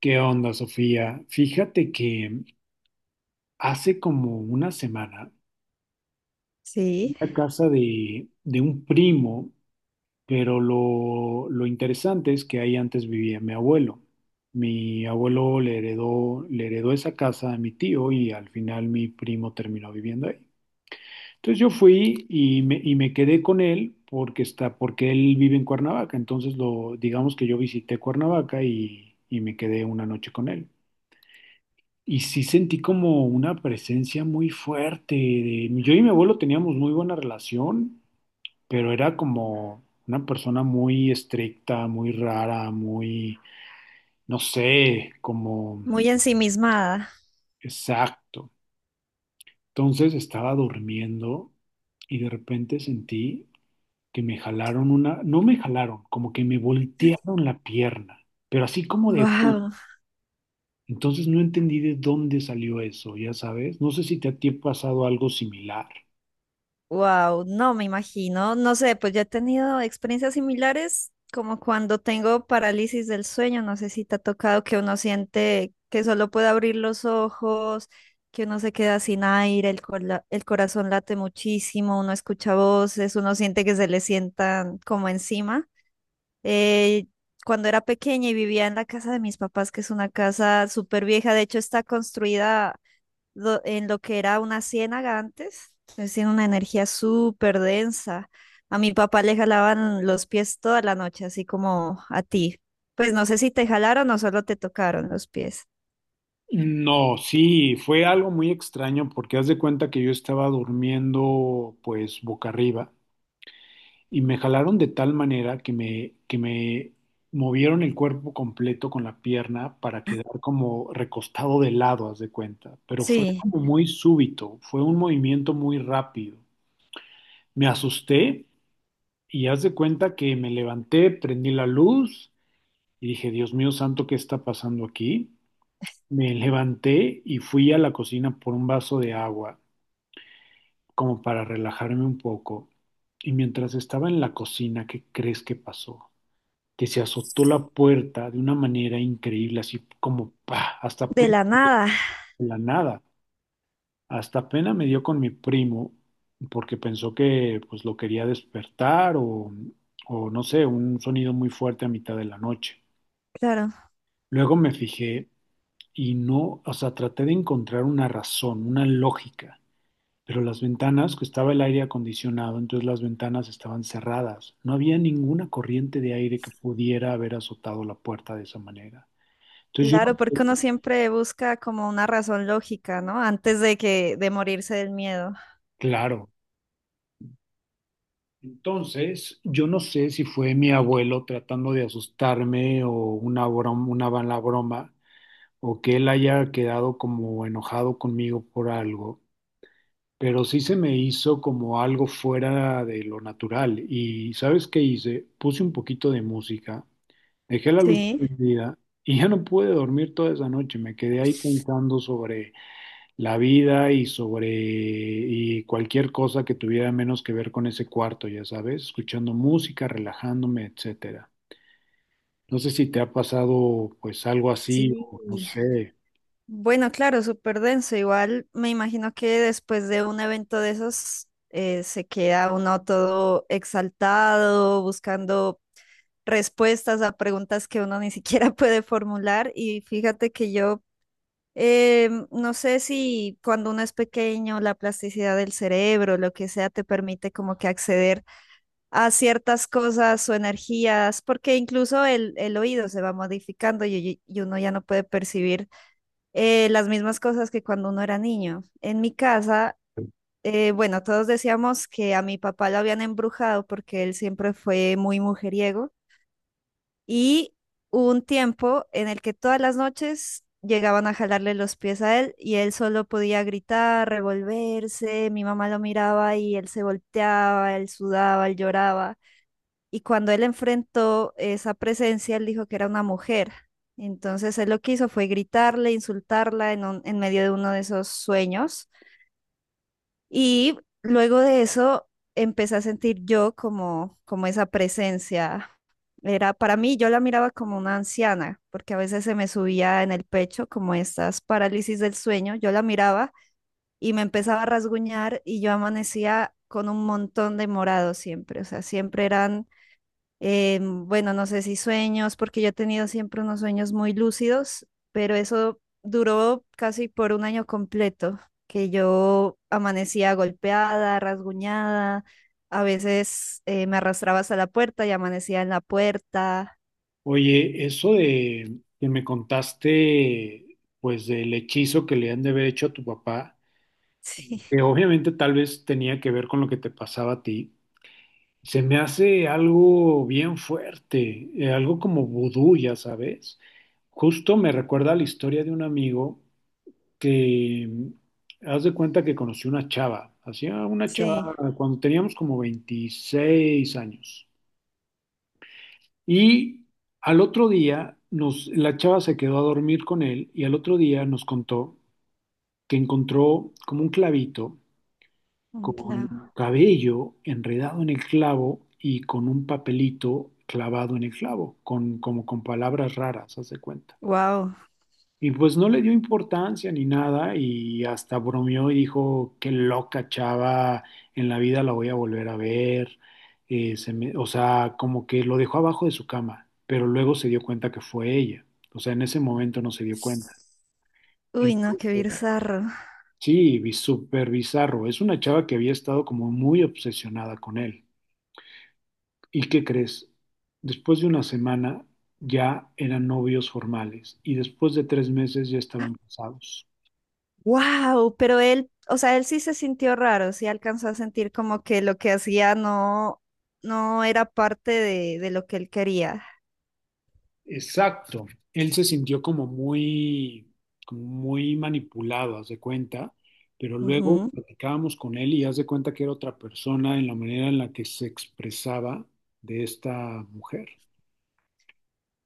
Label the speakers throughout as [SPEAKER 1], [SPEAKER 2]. [SPEAKER 1] ¿Qué onda, Sofía? Fíjate que hace como una semana
[SPEAKER 2] Sí,
[SPEAKER 1] fui a casa de un primo, pero lo interesante es que ahí antes vivía mi abuelo. Mi abuelo le heredó esa casa a mi tío y al final mi primo terminó viviendo ahí. Entonces yo fui y me quedé con él porque él vive en Cuernavaca. Entonces digamos que yo visité Cuernavaca y me quedé una noche con él. Y sí sentí como una presencia muy fuerte. Yo y mi abuelo teníamos muy buena relación, pero era como una persona muy estricta, muy rara, muy, no sé, como.
[SPEAKER 2] muy ensimismada.
[SPEAKER 1] Exacto. Entonces estaba durmiendo y de repente sentí que me jalaron una, no me jalaron, como que me voltearon la pierna, pero así como de...
[SPEAKER 2] Wow,
[SPEAKER 1] Entonces no entendí de dónde salió eso, ya sabes. No sé si te ha pasado algo similar.
[SPEAKER 2] wow, no me imagino, no sé, pues yo he tenido experiencias similares como cuando tengo parálisis del sueño, no sé si te ha tocado que uno siente que solo puede abrir los ojos, que uno se queda sin aire, el corazón late muchísimo, uno escucha voces, uno siente que se le sientan como encima. Eh, cuando era pequeña y vivía en la casa de mis papás, que es una casa súper vieja, de hecho está construida en lo que era una ciénaga antes. Entonces tiene una energía súper densa. A mi papá le jalaban los pies toda la noche, así como a ti. Pues no sé si te jalaron o solo te tocaron los pies.
[SPEAKER 1] No, sí, fue algo muy extraño porque haz de cuenta que yo estaba durmiendo pues boca arriba y me jalaron de tal manera que me movieron el cuerpo completo con la pierna para quedar como recostado de lado, haz de cuenta, pero fue
[SPEAKER 2] Sí,
[SPEAKER 1] como muy súbito, fue un movimiento muy rápido. Me asusté y haz de cuenta que me levanté, prendí la luz y dije, Dios mío santo, ¿qué está pasando aquí? Me levanté y fui a la cocina por un vaso de agua, como para relajarme un poco. Y mientras estaba en la cocina, ¿qué crees que pasó? Que se azotó la puerta de una manera increíble, así como ¡pa! Hasta
[SPEAKER 2] de
[SPEAKER 1] pena
[SPEAKER 2] la nada,
[SPEAKER 1] de la nada. Hasta pena me dio con mi primo, porque pensó que pues lo quería despertar o no sé, un sonido muy fuerte a mitad de la noche.
[SPEAKER 2] claro.
[SPEAKER 1] Luego me fijé y no, o sea, traté de encontrar una razón, una lógica. Pero las ventanas, que estaba el aire acondicionado, entonces las ventanas estaban cerradas. No había ninguna corriente de aire que pudiera haber azotado la puerta de esa manera. Entonces yo
[SPEAKER 2] Claro,
[SPEAKER 1] no
[SPEAKER 2] porque uno
[SPEAKER 1] sé,
[SPEAKER 2] siempre busca como una razón lógica, ¿no? Antes de que de morirse del miedo.
[SPEAKER 1] claro, entonces yo no sé si fue mi abuelo tratando de asustarme o una broma, una mala broma, o que él haya quedado como enojado conmigo por algo, pero sí se me hizo como algo fuera de lo natural. Y ¿sabes qué hice? Puse un poquito de música. Dejé la luz
[SPEAKER 2] Sí,
[SPEAKER 1] prendida y ya no pude dormir toda esa noche. Me quedé ahí pensando sobre la vida y sobre y cualquier cosa que tuviera menos que ver con ese cuarto, ya sabes, escuchando música, relajándome, etcétera. No sé si te ha pasado pues algo así
[SPEAKER 2] sí.
[SPEAKER 1] o no sé.
[SPEAKER 2] Bueno, claro, súper denso. Igual me imagino que después de un evento de esos se queda uno todo exaltado, buscando respuestas a preguntas que uno ni siquiera puede formular. Y fíjate que yo no sé si cuando uno es pequeño, la plasticidad del cerebro, lo que sea, te permite como que acceder a ciertas cosas o energías, porque incluso el oído se va modificando y uno ya no puede percibir las mismas cosas que cuando uno era niño. En mi casa, bueno, todos decíamos que a mi papá lo habían embrujado porque él siempre fue muy mujeriego y hubo un tiempo en el que todas las noches llegaban a jalarle los pies a él y él solo podía gritar, revolverse, mi mamá lo miraba y él se volteaba, él sudaba, él lloraba. Y cuando él enfrentó esa presencia, él dijo que era una mujer. Entonces él lo que hizo fue gritarle, insultarla en, en medio de uno de esos sueños. Y luego de eso empecé a sentir yo como, como esa presencia. Era para mí, yo la miraba como una anciana, porque a veces se me subía en el pecho como estas parálisis del sueño. Yo la miraba y me empezaba a rasguñar y yo amanecía con un montón de morados siempre. O sea, siempre eran bueno, no sé si sueños, porque yo he tenido siempre unos sueños muy lúcidos, pero eso duró casi por un año completo, que yo amanecía golpeada, rasguñada, a veces me arrastraba hasta la puerta y amanecía en la puerta.
[SPEAKER 1] Oye, eso de que me contaste pues del hechizo que le han de haber hecho a tu papá,
[SPEAKER 2] Sí,
[SPEAKER 1] que obviamente tal vez tenía que ver con lo que te pasaba a ti. Se me hace algo bien fuerte, algo como vudú, ya sabes. Justo me recuerda la historia de un amigo que, haz de cuenta que hacía una chava
[SPEAKER 2] sí,
[SPEAKER 1] cuando teníamos como 26 años. Y al otro día, nos, la chava se quedó a dormir con él y al otro día nos contó que encontró como un clavito
[SPEAKER 2] un
[SPEAKER 1] con
[SPEAKER 2] clavo.
[SPEAKER 1] cabello enredado en el clavo y con un papelito clavado en el clavo, con, como con palabras raras, haz de cuenta.
[SPEAKER 2] Wow.
[SPEAKER 1] Y pues no le dio importancia ni nada y hasta bromeó y dijo, qué loca chava, en la vida la voy a volver a ver. O sea, como que lo dejó abajo de su cama, pero luego se dio cuenta que fue ella. O sea, en ese momento no se dio cuenta.
[SPEAKER 2] Uy, no, qué
[SPEAKER 1] Entonces,
[SPEAKER 2] bizarro.
[SPEAKER 1] sí, súper bizarro. Es una chava que había estado como muy obsesionada con él. ¿Y qué crees? Después de una semana ya eran novios formales y después de 3 meses ya estaban casados.
[SPEAKER 2] Wow, pero él, o sea, él sí se sintió raro, sí alcanzó a sentir como que lo que hacía no, no era parte de lo que él quería.
[SPEAKER 1] Exacto. Él se sintió como muy, manipulado, haz de cuenta, pero luego platicábamos con él y haz de cuenta que era otra persona en la manera en la que se expresaba de esta mujer.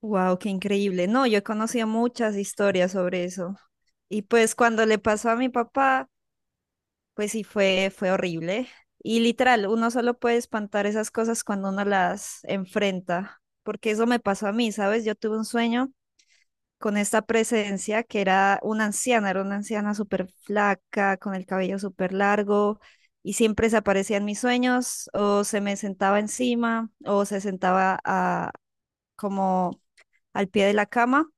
[SPEAKER 2] Wow, qué increíble. No, yo he conocido muchas historias sobre eso. Y pues cuando le pasó a mi papá, pues sí fue, fue horrible. Y literal, uno solo puede espantar esas cosas cuando uno las enfrenta, porque eso me pasó a mí, ¿sabes? Yo tuve un sueño con esta presencia que era una anciana súper flaca, con el cabello súper largo, y siempre se aparecía en mis sueños, o se me sentaba encima, o se sentaba a- como al pie de la cama.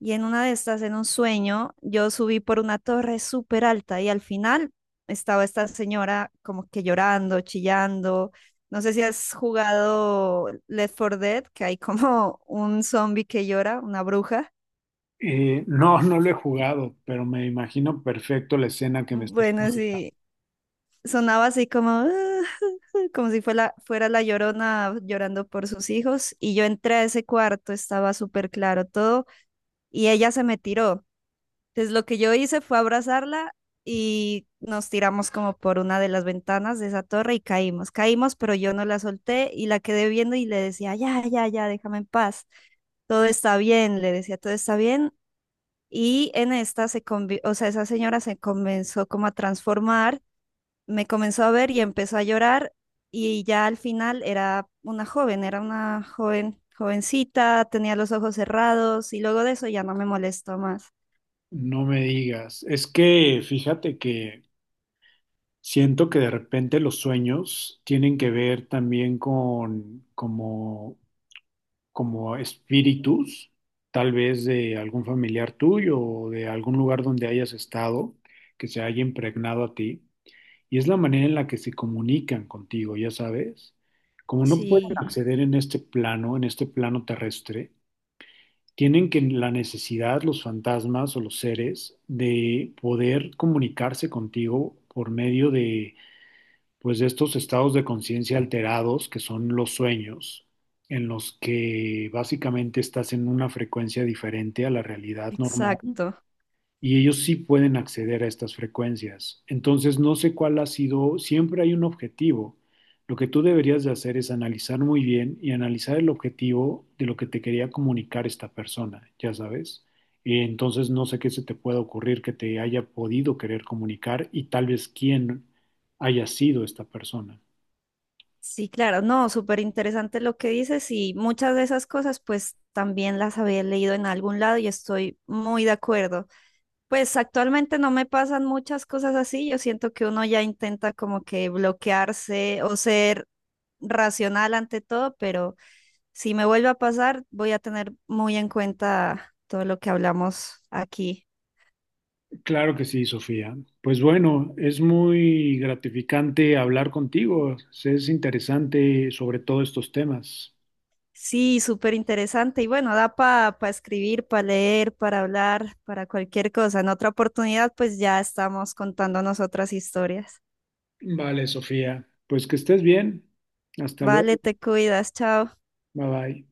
[SPEAKER 2] Y en una de estas, en un sueño, yo subí por una torre súper alta y al final estaba esta señora como que llorando, chillando. No sé si has jugado Left 4 Dead, que hay como un zombie que llora, una bruja.
[SPEAKER 1] No, no lo he jugado, pero me imagino perfecto la escena que me estás
[SPEAKER 2] Bueno,
[SPEAKER 1] platicando.
[SPEAKER 2] sí, sonaba así como, "Ah", como si fuera, fuera la llorona llorando por sus hijos. Y yo entré a ese cuarto, estaba súper claro todo, y ella se me tiró. Entonces lo que yo hice fue abrazarla y nos tiramos como por una de las ventanas de esa torre y caímos. Caímos, pero yo no la solté y la quedé viendo y le decía, ya, ya, ya, déjame en paz. Todo está bien, le decía, todo está bien. Y en esta o sea, esa señora se comenzó como a transformar, me comenzó a ver y empezó a llorar y ya al final era una joven, jovencita, tenía los ojos cerrados y luego de eso ya no me molestó más.
[SPEAKER 1] No me digas. Es que fíjate que siento que de repente los sueños tienen que ver también con como, como espíritus, tal vez de algún familiar tuyo o de algún lugar donde hayas estado, que se haya impregnado a ti. Y es la manera en la que se comunican contigo, ya sabes. Como no pueden
[SPEAKER 2] Sí,
[SPEAKER 1] acceder en este plano terrestre, tienen que la necesidad, los fantasmas o los seres, de poder comunicarse contigo por medio de pues de estos estados de conciencia alterados, que son los sueños, en los que básicamente estás en una frecuencia diferente a la realidad normal
[SPEAKER 2] exacto.
[SPEAKER 1] y ellos sí pueden acceder a estas frecuencias. Entonces, no sé cuál ha sido, siempre hay un objetivo. Lo que tú deberías de hacer es analizar muy bien y analizar el objetivo de lo que te quería comunicar esta persona, ya sabes. Y entonces, no sé qué se te pueda ocurrir que te haya podido querer comunicar y tal vez quién haya sido esta persona.
[SPEAKER 2] Sí, claro, no, súper interesante lo que dices y muchas de esas cosas pues también las había leído en algún lado y estoy muy de acuerdo. Pues actualmente no me pasan muchas cosas así, yo siento que uno ya intenta como que bloquearse o ser racional ante todo, pero si me vuelve a pasar, voy a tener muy en cuenta todo lo que hablamos aquí.
[SPEAKER 1] Claro que sí, Sofía. Pues bueno, es muy gratificante hablar contigo. Es interesante sobre todo estos temas.
[SPEAKER 2] Sí, súper interesante. Y bueno, da para escribir, para leer, para hablar, para cualquier cosa. En otra oportunidad, pues ya estamos contando nosotras historias.
[SPEAKER 1] Vale, Sofía. Pues que estés bien. Hasta luego.
[SPEAKER 2] Vale, te cuidas, chao.
[SPEAKER 1] Bye bye.